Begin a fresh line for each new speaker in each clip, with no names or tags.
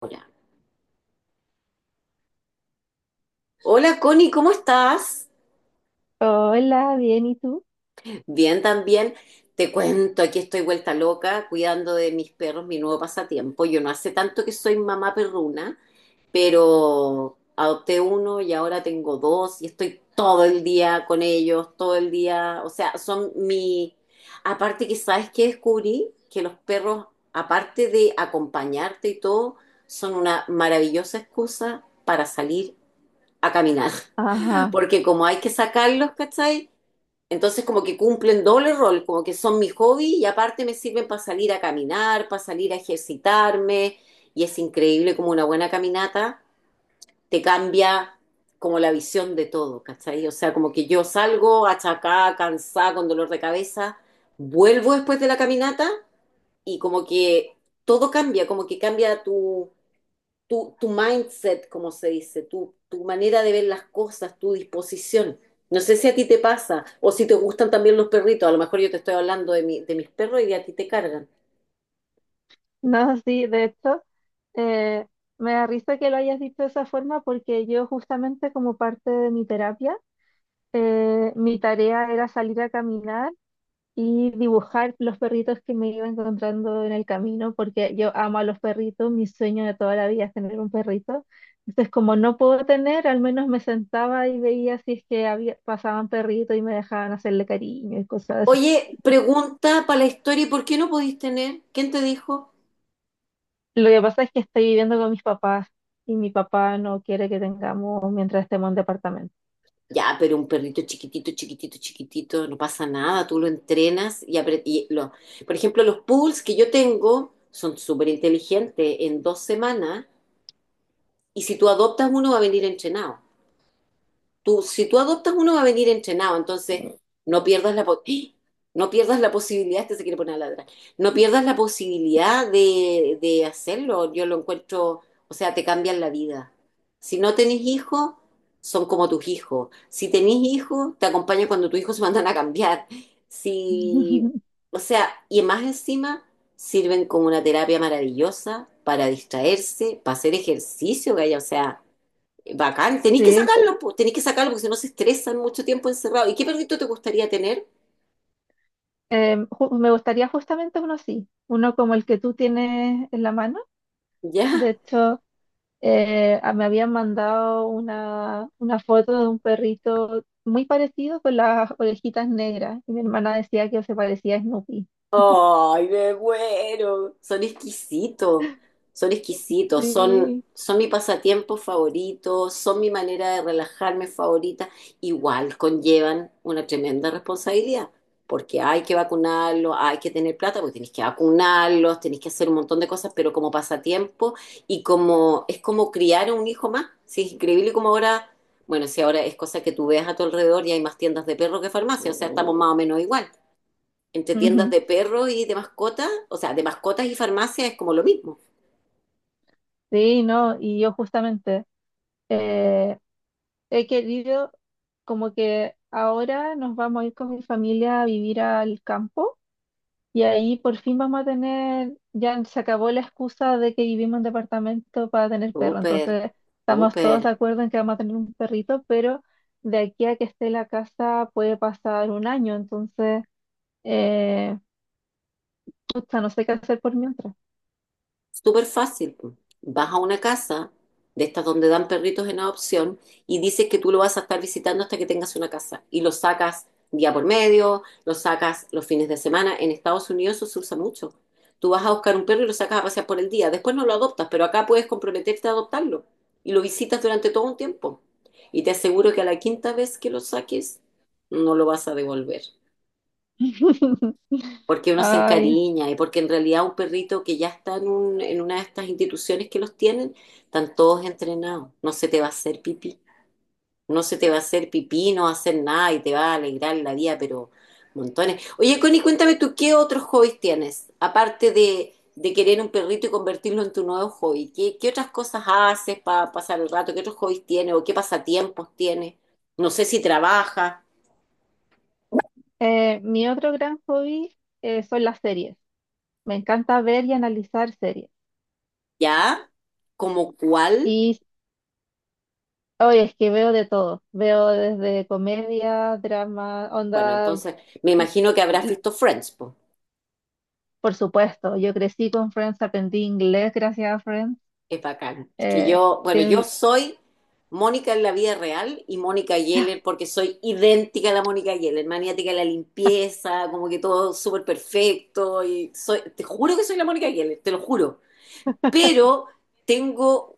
Hola. Hola Connie, ¿cómo estás?
Hola, bien, ¿y tú?
Bien, también. Te cuento, aquí estoy vuelta loca cuidando de mis perros, mi nuevo pasatiempo. Yo no hace tanto que soy mamá perruna, pero adopté uno y ahora tengo dos y estoy todo el día con ellos, todo el día. O sea, son mi... Aparte que sabes que descubrí que los perros, aparte de acompañarte y todo, son una maravillosa excusa para salir a caminar.
Ajá.
Porque como hay que sacarlos, ¿cachai? Entonces como que cumplen doble rol, como que son mi hobby y aparte me sirven para salir a caminar, para salir a ejercitarme y es increíble como una buena caminata te cambia como la visión de todo, ¿cachai? O sea, como que yo salgo achacada, cansada, con dolor de cabeza, vuelvo después de la caminata y como que todo cambia, como que cambia tu mindset, como se dice, tu manera de ver las cosas, tu disposición. No sé si a ti te pasa o si te gustan también los perritos. A lo mejor yo te estoy hablando de mis perros y a ti te cargan.
No, sí, de hecho, eh, me da risa que lo hayas dicho de esa forma porque yo justamente, como parte de mi terapia, mi tarea era salir a caminar y dibujar los perritos que me iba encontrando en el camino, porque yo amo a los perritos. Mi sueño de toda la vida es tener un perrito. Entonces, como no puedo tener, al menos me sentaba y veía si es que había, pasaban perritos y me dejaban hacerle cariño y cosas así.
Oye, pregunta para la historia, ¿y por qué no podís tener? ¿Quién te dijo?
Lo que pasa es que estoy viviendo con mis papás y mi papá no quiere que tengamos mientras estemos en departamento.
Ya, pero un perrito chiquitito, chiquitito, chiquitito, no pasa nada, tú lo entrenas y lo... Por ejemplo, los poodles que yo tengo son súper inteligentes en 2 semanas y si tú adoptas uno va a venir entrenado. Si tú adoptas uno va a venir entrenado, entonces no pierdas ¡Eh! No pierdas la posibilidad, este se quiere poner a ladrar, no pierdas la posibilidad de hacerlo. Yo lo encuentro, o sea, te cambian la vida. Si no tenés hijos, son como tus hijos. Si tenés hijos, te acompañan cuando tus hijos se mandan a cambiar. Si, o sea, y más encima sirven como una terapia maravillosa para distraerse, para hacer ejercicio, gaya. O sea, bacán, tenéis que
Sí,
sacarlo, po, tenéis que sacarlo porque si no se estresan mucho tiempo encerrado. ¿Y qué perrito te gustaría tener?
me gustaría justamente uno así, uno como el que tú tienes en la mano. De
¿Ya?
hecho, me habían mandado una foto de un perrito muy parecido con las orejitas negras y mi hermana decía que se parecía a Snoopy.
Ay, me muero. Son exquisitos, son exquisitos, son,
Sí.
son mi pasatiempo favorito, son mi manera de relajarme favorita. Igual conllevan una tremenda responsabilidad, porque hay que vacunarlos, hay que tener plata, porque tenés que vacunarlos, tenés que hacer un montón de cosas, pero como pasatiempo y como es como criar a un hijo más. Sí, es increíble como ahora, bueno, si ahora es cosa que tú veas a tu alrededor y hay más tiendas de perros que farmacia, o sea, estamos más o menos igual entre tiendas
Ujú.
de perros y de mascotas, o sea, de mascotas y farmacia es como lo mismo.
Sí, no, y yo justamente, eh, he querido, como que ahora nos vamos a ir con mi familia a vivir al campo y ahí por fin vamos a tener. Ya se acabó la excusa de que vivimos en departamento para tener perro,
Súper,
entonces estamos
súper.
todos de acuerdo en que vamos a tener un perrito, pero de aquí a que esté la casa puede pasar un año. Entonces, eh, pucha, no sé qué hacer por mientras.
Súper fácil. Vas a una casa de estas donde dan perritos en adopción y dices que tú lo vas a estar visitando hasta que tengas una casa y lo sacas día por medio, lo sacas los fines de semana. En Estados Unidos eso se usa mucho. Tú vas a buscar un perro y lo sacas a pasear por el día. Después no lo adoptas, pero acá puedes comprometerte a adoptarlo y lo visitas durante todo un tiempo. Y te aseguro que a la quinta vez que lo saques, no lo vas a devolver porque uno se
Ay,
encariña y porque en realidad un perrito que ya está en una de estas instituciones que los tienen, están todos entrenados. No se te va a hacer pipí, no se te va a hacer pipí, no va a hacer nada y te va a alegrar la vida, pero montones. Oye, Connie, cuéntame tú, ¿qué otros hobbies tienes? Aparte de querer un perrito y convertirlo en tu nuevo hobby, ¿qué otras cosas haces para pasar el rato? ¿Qué otros hobbies tienes o qué pasatiempos tienes? No sé si trabajas,
mi otro gran hobby, son las series. Me encanta ver y analizar series.
¿ya? ¿Como cuál?
Y hoy es que veo de todo. Veo desde comedia, drama,
Bueno,
onda.
entonces me
l-
imagino que habrás
l-
visto Friends, po.
Por supuesto, yo crecí con Friends, aprendí inglés gracias a Friends.
Es bacán. Es que
Eh,
yo, bueno, yo
tiene
soy Mónica en la vida real y Mónica Geller porque soy idéntica a la Mónica Geller, maniática de la limpieza, como que todo súper perfecto y soy, te juro que soy la Mónica Geller, te lo juro. Pero tengo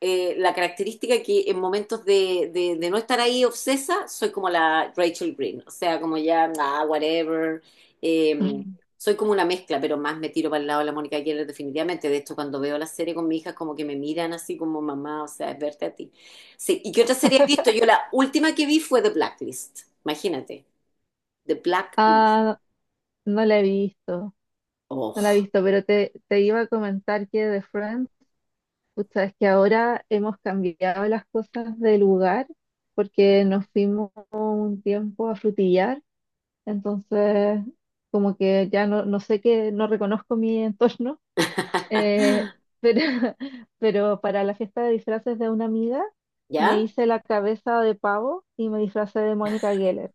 la característica que en momentos de no estar ahí obsesa, soy como la Rachel Green, o sea, como ya, ah, whatever, eh,
un-
soy como una mezcla, pero más me tiro para el lado de la Mónica Geller definitivamente, de hecho cuando veo la serie con mi hija como que me miran así como mamá, o sea, es verte a ti. Sí, ¿y qué otra serie has visto? Yo la última que vi fue The Blacklist, imagínate, The Blacklist,
Ah, no la he visto, no la he
oh,
visto, pero te iba a comentar que de Friends, pucha, es que ahora hemos cambiado las cosas de lugar porque nos fuimos un tiempo a Frutillar. Entonces, como que ya no, no sé qué, no reconozco mi entorno, eh, pero pero para la fiesta de disfraces de una amiga me
¿ya?
hice la cabeza de pavo y me disfracé de Mónica Geller.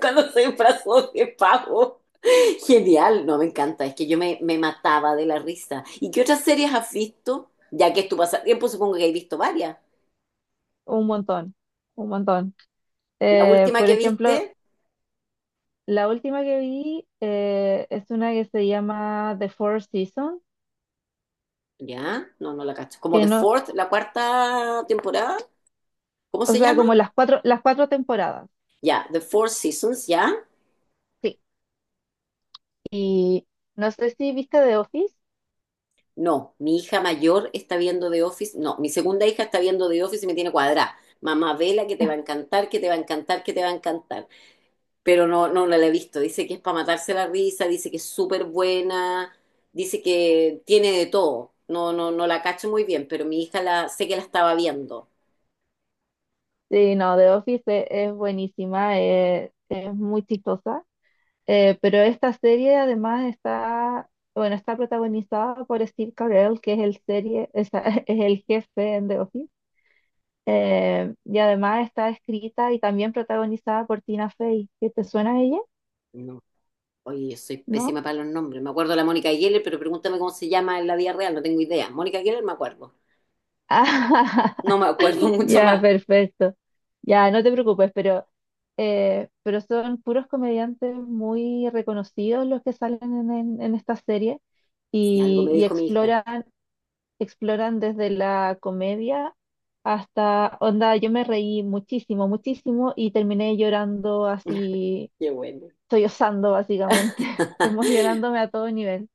Cuando se disfrazó de pavo. Genial, no, me encanta, es que yo me mataba de la risa. ¿Y qué otras series has visto? Ya que es tu pasatiempo, supongo que has visto varias.
Un montón, un montón.
La última
Por
que
ejemplo,
viste,
la última que vi, es una que se llama The Four Seasons,
ya, no, no la cacho. Como
que
The
no,
Fourth, la cuarta temporada, ¿cómo
o
se
sea,
llama?
como las cuatro temporadas.
Ya, The Four Seasons, ya.
Sí. Y no sé si viste The Office.
No, mi hija mayor está viendo The Office, no, mi segunda hija está viendo The Office y me tiene cuadrada. Mamá, vela que te va a encantar, que te va a encantar, que te va a encantar. Pero no la he visto. Dice que es para matarse la risa, dice que es súper buena, dice que tiene de todo. No, no, no la cacho muy bien, pero mi hija la, sé que la estaba viendo.
Sí, no, The Office es buenísima, es muy chistosa, pero esta serie además está, bueno, está protagonizada por Steve Carell, que es el serie, es, es el jefe en The Office, y además está escrita y también protagonizada por Tina Fey, ¿que te suena a ella?
No, oye, yo soy
¿No?
pésima para los nombres. Me acuerdo de la Mónica Geller, pero pregúntame cómo se llama en la vida real, no tengo idea. Mónica Geller me acuerdo. No me acuerdo mucho
Ya,
más.
perfecto. Ya, no te preocupes, pero son puros comediantes muy reconocidos los que salen en, en esta serie
Si algo me
y
dijo mi hija.
exploran, exploran desde la comedia hasta, onda, yo me reí muchísimo, muchísimo y terminé llorando así,
Qué bueno.
sollozando básicamente, emocionándome a todo nivel.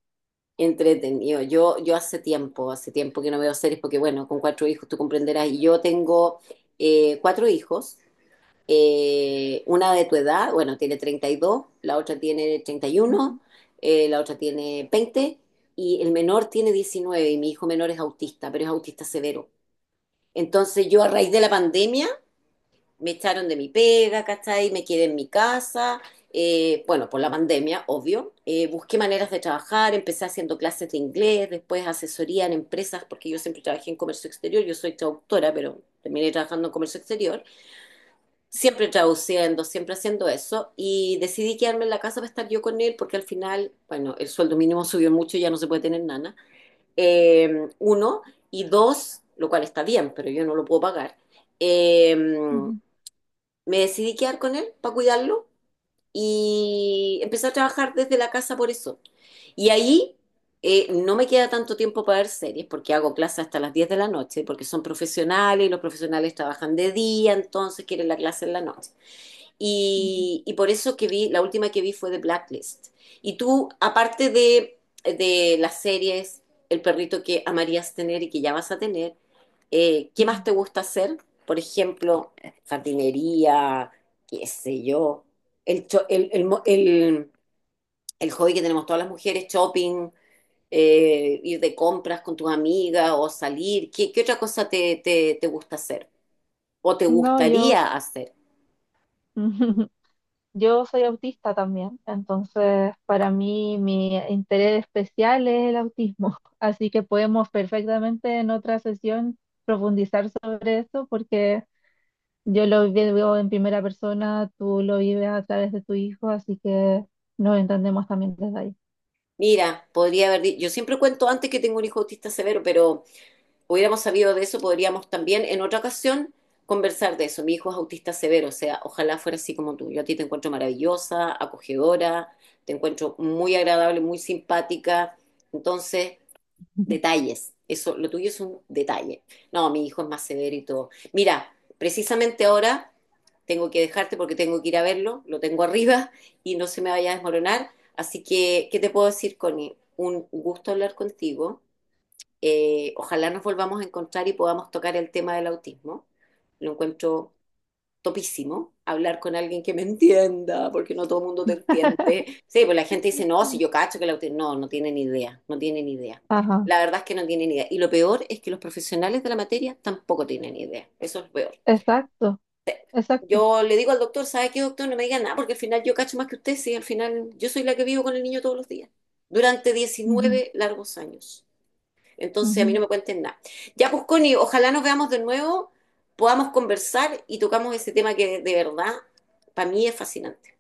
Entretenido. Yo hace tiempo que no veo series porque, bueno, con cuatro hijos, tú comprenderás. Y yo tengo cuatro hijos, una de tu edad, bueno, tiene 32, la otra tiene 31,
Ujú,
la otra tiene 20 y el menor tiene 19 y mi hijo menor es autista, pero es autista severo. Entonces yo a raíz de la pandemia me echaron de mi pega, ¿cachai? Me quedé en mi casa, bueno, por la pandemia, obvio. Busqué maneras de trabajar, empecé haciendo clases de inglés, después asesoría en empresas, porque yo siempre trabajé en comercio exterior, yo soy traductora, pero terminé trabajando en comercio exterior. Siempre traduciendo, siempre haciendo eso. Y decidí quedarme en la casa para estar yo con él, porque al final, bueno, el sueldo mínimo subió mucho, ya no se puede tener nana. Uno, y dos, lo cual está bien, pero yo no lo puedo pagar. eh,
ujú,
Me decidí quedar con él para cuidarlo y empecé a trabajar desde la casa por eso. Y ahí no me queda tanto tiempo para ver series, porque hago clases hasta las 10 de la noche, porque son profesionales y los profesionales trabajan de día, entonces quieren la clase en la noche.
ujú,
Y por eso que vi, la última que vi fue The Blacklist. Y tú, aparte de las series, el perrito que amarías tener y que ya vas a tener, ¿qué más
ujú.
te gusta hacer? Por ejemplo, jardinería, qué sé yo, el, cho- el, mo- el hobby que tenemos todas las mujeres, shopping, ir de compras con tus amigas o salir. ¿Qué otra cosa te gusta hacer o te
No, yo...
gustaría hacer?
Yo soy autista también, entonces para mí mi interés especial es el autismo, así que podemos perfectamente en otra sesión profundizar sobre eso porque yo lo vivo en primera persona, tú lo vives a través de tu hijo, así que nos entendemos también desde ahí.
Mira, podría haber, yo siempre cuento antes que tengo un hijo autista severo, pero hubiéramos sabido de eso, podríamos también en otra ocasión conversar de eso. Mi hijo es autista severo, o sea, ojalá fuera así como tú. Yo a ti te encuentro maravillosa, acogedora, te encuentro muy agradable, muy simpática. Entonces, detalles. Eso, lo tuyo es un detalle. No, mi hijo es más severo y todo. Mira, precisamente ahora tengo que dejarte porque tengo que ir a verlo, lo tengo arriba y no se me vaya a desmoronar. Así que, ¿qué te puedo decir, Connie? Un gusto hablar contigo. Ojalá nos volvamos a encontrar y podamos tocar el tema del autismo. Lo encuentro topísimo hablar con alguien que me entienda, porque no todo el mundo te entiende. Sí, pues la gente dice, no, si yo cacho que la... auti-". No, no tienen idea, no tienen idea.
Ajá,
La verdad es que no tienen idea. Y lo peor es que los profesionales de la materia tampoco tienen idea. Eso es lo peor.
exacto, exacto.
Yo le digo al doctor, ¿sabe qué, doctor? No me diga nada, porque al final yo cacho más que usted, sí, al final yo soy la que vivo con el niño todos los días, durante
Ujú,
19 largos años. Entonces a mí
ujú.
no me cuenten nada. Ya, pues Connie, ojalá nos veamos de nuevo, podamos conversar y tocamos ese tema que de verdad para mí es fascinante.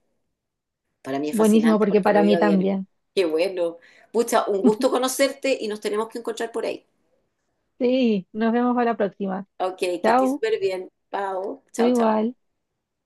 Para mí es
Buenísimo
fascinante
porque
porque lo
para
veo a
mí
diario.
también.
Qué bueno. Pucha, un gusto conocerte y nos tenemos que encontrar por ahí.
Sí, nos vemos para la próxima.
Ok, que estés
Chao,
súper bien. Pau.
tú
Chao, chao.
igual.